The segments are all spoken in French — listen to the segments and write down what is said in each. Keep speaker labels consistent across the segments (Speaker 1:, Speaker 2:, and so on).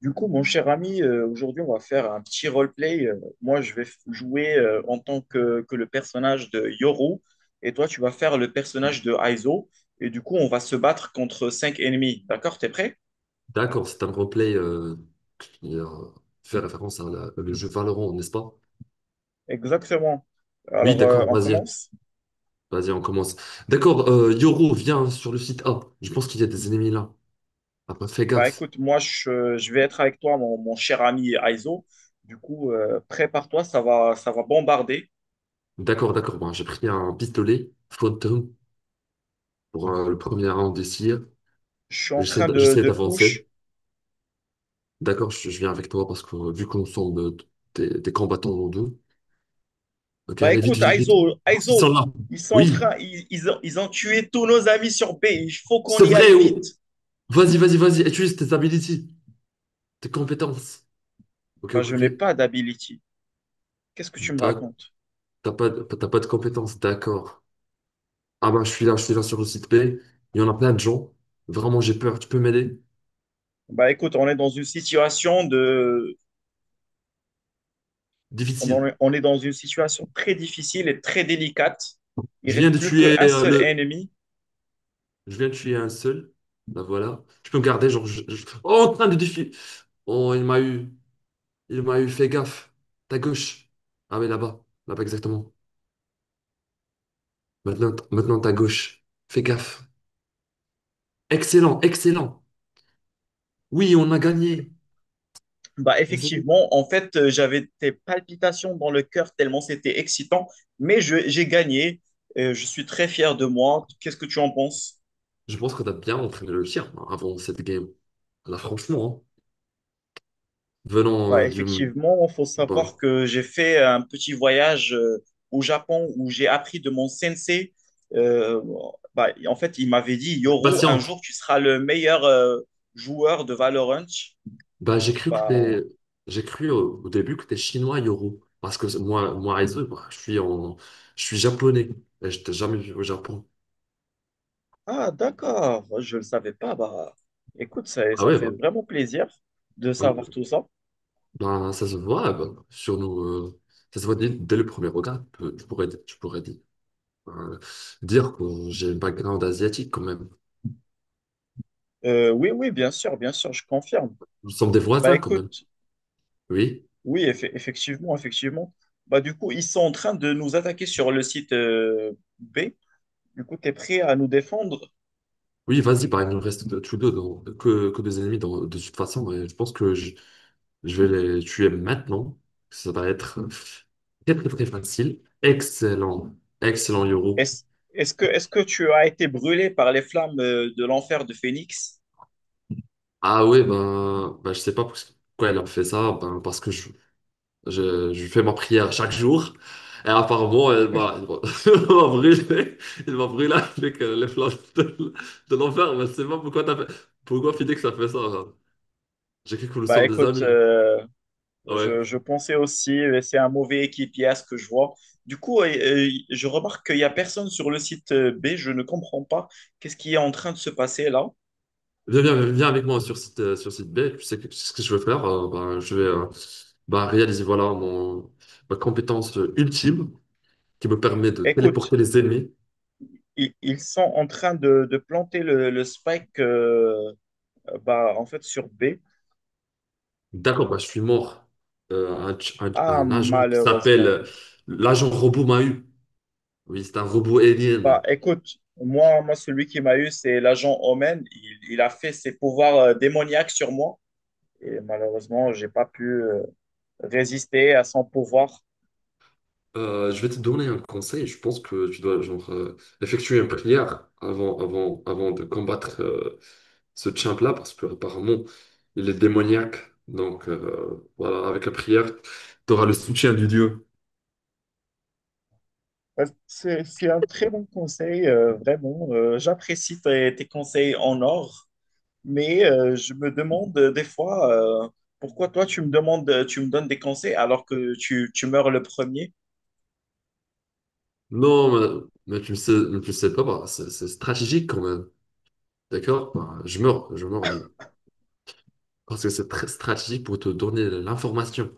Speaker 1: Du coup, mon cher ami, aujourd'hui, on va faire un petit roleplay. Moi, je vais jouer en tant que, le personnage de Yoru et toi, tu vas faire le personnage de Aizo. Et du coup, on va se battre contre cinq ennemis. D'accord? T'es prêt?
Speaker 2: D'accord, c'est un roleplay qui fait référence à le jeu Valorant, n'est-ce pas?
Speaker 1: Exactement.
Speaker 2: Oui,
Speaker 1: Alors,
Speaker 2: d'accord,
Speaker 1: on
Speaker 2: vas-y,
Speaker 1: commence?
Speaker 2: vas-y, on commence. D'accord, Yoru, viens sur le site A. Je pense qu'il y a des ennemis là. Ah, bah, fais
Speaker 1: Bah,
Speaker 2: gaffe.
Speaker 1: écoute, moi, je vais être avec toi, mon cher ami Aizo. Du coup, prépare-toi, ça va bombarder.
Speaker 2: D'accord, d'accord, bon, j'ai pris un pistolet, Phantom, pour le premier round ici.
Speaker 1: Je suis en train
Speaker 2: J'essaie
Speaker 1: de push.
Speaker 2: d'avancer. D'accord, je viens avec toi parce que vu qu'on semble des combattants en deux. Ok,
Speaker 1: Bah
Speaker 2: allez, vite,
Speaker 1: écoute,
Speaker 2: vite, vite. Bon, ils sont
Speaker 1: Aizo,
Speaker 2: là.
Speaker 1: ils sont en
Speaker 2: Oui,
Speaker 1: train, ils ont tué tous nos amis sur B. Il faut qu'on
Speaker 2: c'est
Speaker 1: y aille
Speaker 2: vrai. Oh.
Speaker 1: vite.
Speaker 2: Vas-y, vas-y, vas-y, utilise tes abilities, tes compétences. Ok,
Speaker 1: Bah
Speaker 2: ok,
Speaker 1: je
Speaker 2: ok.
Speaker 1: n'ai pas d'ability. Qu'est-ce que tu me
Speaker 2: D'ac-
Speaker 1: racontes?
Speaker 2: T'as pas, t'as pas de compétences, d'accord. Ah bah, je suis là sur le site B. Il y en a plein de gens. Vraiment, j'ai peur. Tu peux m'aider?
Speaker 1: Bah écoute, on est dans une situation de,
Speaker 2: Difficile.
Speaker 1: on est dans une situation très difficile et très délicate. Il
Speaker 2: Je viens
Speaker 1: reste
Speaker 2: de
Speaker 1: plus
Speaker 2: tuer
Speaker 1: qu'un seul
Speaker 2: le.
Speaker 1: ennemi.
Speaker 2: Je viens de tuer un seul. Là, voilà. Tu peux me garder, genre. Je- Oh, en train de défier. Oh, il m'a eu. Il m'a eu. Fais gaffe. Ta gauche. Ah oui, là-bas. Là-bas, exactement. Maintenant, maintenant, ta gauche. Fais gaffe. Excellent, excellent. Oui, on a gagné.
Speaker 1: Bah effectivement, en fait, j'avais des palpitations dans le cœur tellement c'était excitant, mais j'ai gagné. Je suis très fier de moi. Qu'est-ce que tu en penses?
Speaker 2: Je pense que tu as bien entraîné le tir hein, avant cette game. Là, franchement, hein, venant
Speaker 1: Bah
Speaker 2: du...
Speaker 1: effectivement, il faut
Speaker 2: Voilà.
Speaker 1: savoir que j'ai fait un petit voyage au Japon où j'ai appris de mon sensei. Euh, Bah, en fait, il m'avait dit, Yoro, un
Speaker 2: Patiente.
Speaker 1: jour tu seras le meilleur joueur de Valorant.
Speaker 2: Bah, j'ai cru que
Speaker 1: Bah,
Speaker 2: t'es... J'ai cru au début que t'es chinois, Yoro. Parce que moi, Aizu, bah, je suis en... Je suis japonais. Et je t'ai jamais vu au Japon.
Speaker 1: Ah, d'accord, je ne le savais pas. Bah, écoute,
Speaker 2: Ah
Speaker 1: ça
Speaker 2: ouais, bah,
Speaker 1: fait vraiment plaisir de savoir
Speaker 2: euh,
Speaker 1: tout ça.
Speaker 2: bah, ça se voit bah, sur nous... ça se voit dès le premier regard. Tu pourrais dire, euh, dire que j'ai un background asiatique quand même.
Speaker 1: Oui, oui, bien sûr, je confirme.
Speaker 2: Nous sommes des
Speaker 1: Bah,
Speaker 2: voisins quand même.
Speaker 1: écoute,
Speaker 2: Oui.
Speaker 1: oui, effectivement, effectivement. Bah, du coup, ils sont en train de nous attaquer sur le site B. Du coup, tu es prêt à nous défendre?
Speaker 2: Oui, vas-y, bah, il nous reste tous deux que des ennemis de toute façon, et je pense que je vais les tuer maintenant. Ça va être très très très facile. Excellent, excellent Yoro.
Speaker 1: Est-ce, est-ce que tu as été brûlé par les flammes de l'enfer de Phoenix?
Speaker 2: Ah ouais, ben, ben je sais pas pourquoi elle a fait ça, ben, parce que je fais ma prière chaque jour, et apparemment elle m'a- elle m'a brûlé, elle m'a brûlé avec les flammes de l'enfer, mais je sais pas pourquoi t'as fait, pourquoi Phoenix a fait ça. Hein. J'ai cru que nous
Speaker 1: Bah
Speaker 2: sommes des
Speaker 1: écoute,
Speaker 2: amis. Hein. Ouais.
Speaker 1: je pensais aussi, c'est un mauvais équipier à ce que je vois. Du coup, je remarque qu'il n'y a personne sur le site B, je ne comprends pas qu'est-ce qui est en train de se passer là.
Speaker 2: Viens, viens, viens avec moi sur site B. Tu sais que, ce que je veux faire. Bah, je vais bah, réaliser voilà, mon, ma compétence ultime qui me permet de
Speaker 1: Écoute,
Speaker 2: téléporter les ennemis.
Speaker 1: ils, sont en train de planter le spike bah, en fait sur B.
Speaker 2: D'accord, ben je suis mort.
Speaker 1: Ah,
Speaker 2: Un agent qui s'appelle
Speaker 1: malheureusement.
Speaker 2: l'agent robot m'a eu. Oui, c'est un robot
Speaker 1: Bah,
Speaker 2: alien.
Speaker 1: écoute, moi, celui qui m'a eu, c'est l'agent Omen. Il a fait ses pouvoirs démoniaques sur moi. Et malheureusement, j'ai pas pu résister à son pouvoir.
Speaker 2: Je vais te donner un conseil. Je pense que tu dois genre, effectuer une prière avant de combattre ce champ-là parce que apparemment il est démoniaque. Donc voilà, avec la prière, tu auras le soutien du Dieu.
Speaker 1: C'est un très bon conseil, vraiment. J'apprécie tes, tes conseils en or. Mais je me demande des fois pourquoi toi tu me demandes, tu me donnes des conseils alors que tu meurs le premier.
Speaker 2: Non, mais tu ne sais, mais tu ne sais pas, bah, c'est stratégique quand même. D'accord? Bah, je meurs. Parce que c'est très stratégique pour te donner l'information.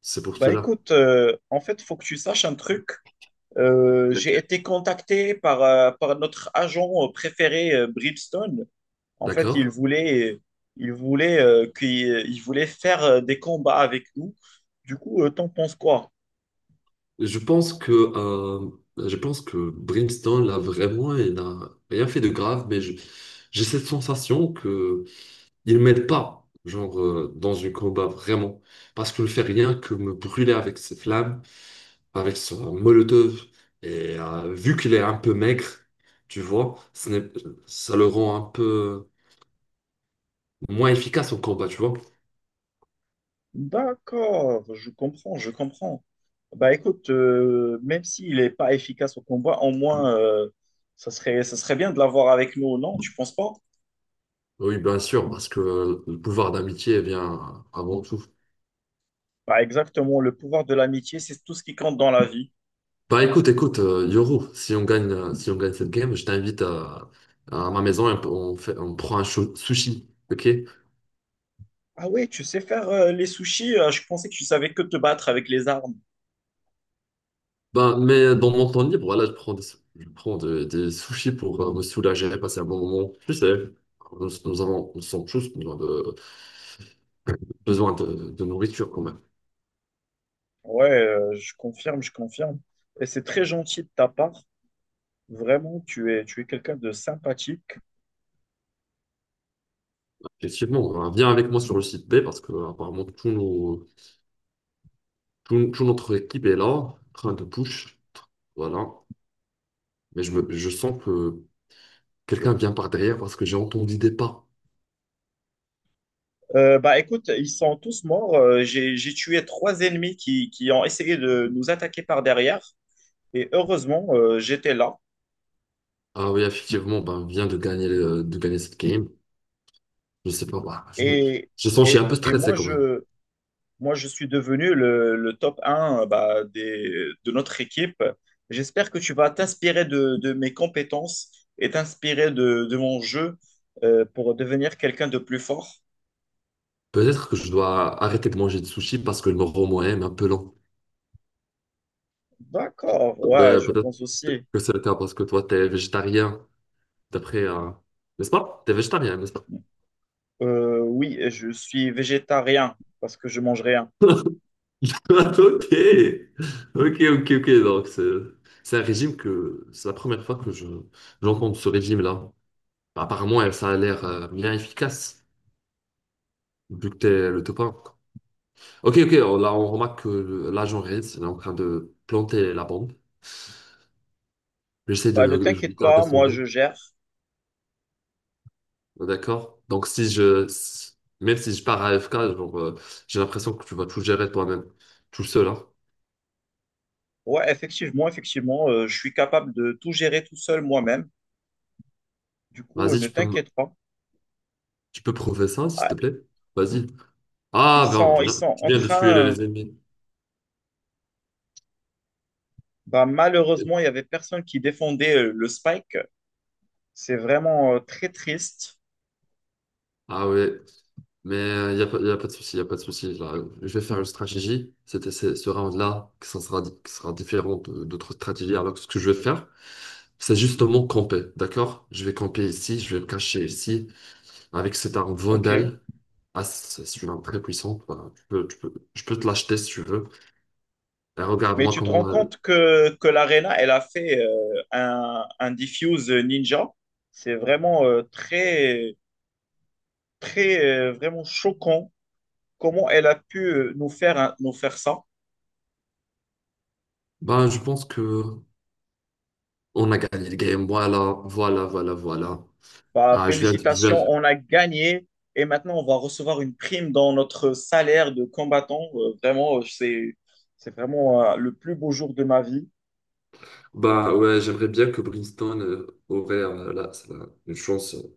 Speaker 2: C'est pour
Speaker 1: Bah
Speaker 2: cela.
Speaker 1: écoute, en fait, il faut que tu saches un truc. J'ai
Speaker 2: D'accord?
Speaker 1: été contacté par, par notre agent préféré, Bridgestone. En fait,
Speaker 2: D'accord?
Speaker 1: il voulait, il voulait, il voulait faire des combats avec nous. Du coup, t'en penses quoi?
Speaker 2: Je pense que, euh, je pense que Brimstone, là, vraiment, il n'a rien fait de grave, j'ai cette sensation que il m'aide pas, genre, dans un combat, vraiment. Parce qu'il ne fait rien que me brûler avec ses flammes, avec son molotov. Et vu qu'il est un peu maigre, tu vois, ce n'est- ça le rend un peu moins efficace en combat, tu vois.
Speaker 1: D'accord, je comprends, je comprends. Bah écoute, même s'il n'est pas efficace au combat, au moins, ça serait bien de l'avoir avec nous, non? Tu penses pas?
Speaker 2: Oui, bien sûr, parce que le pouvoir d'amitié vient avant tout.
Speaker 1: Bah exactement, le pouvoir de l'amitié, c'est tout ce qui compte dans la vie.
Speaker 2: Bah écoute, écoute, Yoru, si on gagne, si on gagne cette game, à ma maison et on prend sushi, ok?
Speaker 1: Ah ouais, tu sais faire les sushis, je pensais que tu savais que te battre avec les armes.
Speaker 2: Bah, mais dans mon temps libre, voilà, des sushis pour me soulager, passer un bon moment. Tu sais, nous sommes tous besoin de, de nourriture quand même.
Speaker 1: Ouais, je confirme, je confirme. Et c'est très gentil de ta part. Vraiment, tu es quelqu'un de sympathique.
Speaker 2: Effectivement, viens avec moi sur le site B parce que apparemment tout notre équipe est là, en train de push, voilà. Mais je sens que quelqu'un vient par derrière parce que j'ai entendu des pas.
Speaker 1: Bah écoute, ils sont tous morts. J'ai tué trois ennemis qui ont essayé de nous attaquer par derrière. Et heureusement, j'étais là.
Speaker 2: Ah oui, effectivement, ben, vient de gagner, le- de gagner cette game. Je sais pas, bah,
Speaker 1: Et,
Speaker 2: je sens que je suis un peu
Speaker 1: et
Speaker 2: stressé
Speaker 1: moi,
Speaker 2: quand même.
Speaker 1: moi, je suis devenu le top un bah, des, de notre équipe. J'espère que tu vas t'inspirer de mes compétences et t'inspirer de mon jeu pour devenir quelqu'un de plus fort.
Speaker 2: Peut-être que je dois arrêter de manger de sushi parce que le moro moyen est un peu lent.
Speaker 1: D'accord, ouais,
Speaker 2: Ouais,
Speaker 1: je
Speaker 2: peut-être
Speaker 1: pense aussi.
Speaker 2: que c'est le cas parce que toi, t'es végétarien, d'après, n'est-ce pas? T'es végétarien, n'est-ce pas?
Speaker 1: Oui, je suis végétarien parce que je mange rien.
Speaker 2: Ok, ok, ok, ok. Donc, c'est un régime que c'est la première fois que je j'entends de ce régime-là. Apparemment, ça a l'air bien efficace, vu que t'es le top 1. Ok, ok, là on remarque que l'agent Reds il est en train de planter la bombe. J'essaie de
Speaker 1: Bah, ne
Speaker 2: le je veux
Speaker 1: t'inquiète
Speaker 2: garder
Speaker 1: pas,
Speaker 2: son
Speaker 1: moi
Speaker 2: dos.
Speaker 1: je gère.
Speaker 2: D'accord? Donc si je si- même si je pars à AFK, genre, j'ai l'impression que tu vas tout gérer toi-même, tout seul, hein.
Speaker 1: Ouais, effectivement, effectivement, je suis capable de tout gérer tout seul moi-même. Du coup,
Speaker 2: Vas-y,
Speaker 1: ne t'inquiète pas.
Speaker 2: tu peux prouver ça, s'il te
Speaker 1: Ah,
Speaker 2: plaît? Vas-y. Ah ben
Speaker 1: ils
Speaker 2: bien,
Speaker 1: sont
Speaker 2: tu
Speaker 1: en
Speaker 2: viens de tuer
Speaker 1: train.
Speaker 2: les ennemis.
Speaker 1: Bah, malheureusement, il y avait personne qui défendait le spike. C'est vraiment très triste.
Speaker 2: Ah ouais. Mais il n'y a, pas y a pas de souci, il n'y a pas de souci. Là, je vais faire une stratégie. C'était ce round-là qui sera différent d'autres stratégies. Alors, ce que je vais faire, c'est justement camper. D'accord? Je vais camper ici, je vais me cacher ici avec cet arme
Speaker 1: Ok.
Speaker 2: Vandal. Ah, c'est une arme très puissante. Voilà, je peux te l'acheter si tu veux. Et
Speaker 1: Mais
Speaker 2: regarde-moi
Speaker 1: tu te rends
Speaker 2: comment. Euh,
Speaker 1: compte que l'Arena, elle a fait un diffuse ninja. C'est vraiment très très vraiment choquant comment elle a pu nous faire, nous faire ça.
Speaker 2: ben, je pense que on a gagné le game. Voilà, voilà, voilà, voilà.
Speaker 1: Bah,
Speaker 2: Ah, je viens, de- je
Speaker 1: félicitations,
Speaker 2: viens,
Speaker 1: on a gagné et maintenant on va recevoir une prime dans notre salaire de combattant. Vraiment, c'est vraiment le plus beau jour de ma vie.
Speaker 2: Bah ouais, j'aimerais bien que Brimstone aurait là, une chance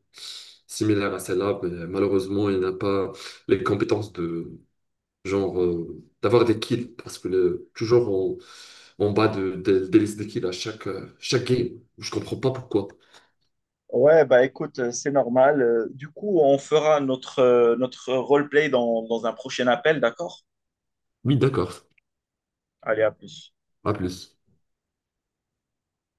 Speaker 2: similaire à celle-là, mais malheureusement, il n'a pas les compétences de genre d'avoir des kills parce que toujours en, en bas des listes de kills à chaque game. Je comprends pas pourquoi.
Speaker 1: Ouais, bah écoute, c'est normal. Du coup, on fera notre, notre roleplay dans, dans un prochain appel, d'accord?
Speaker 2: Oui, d'accord.
Speaker 1: Allez, à plus.
Speaker 2: À plus.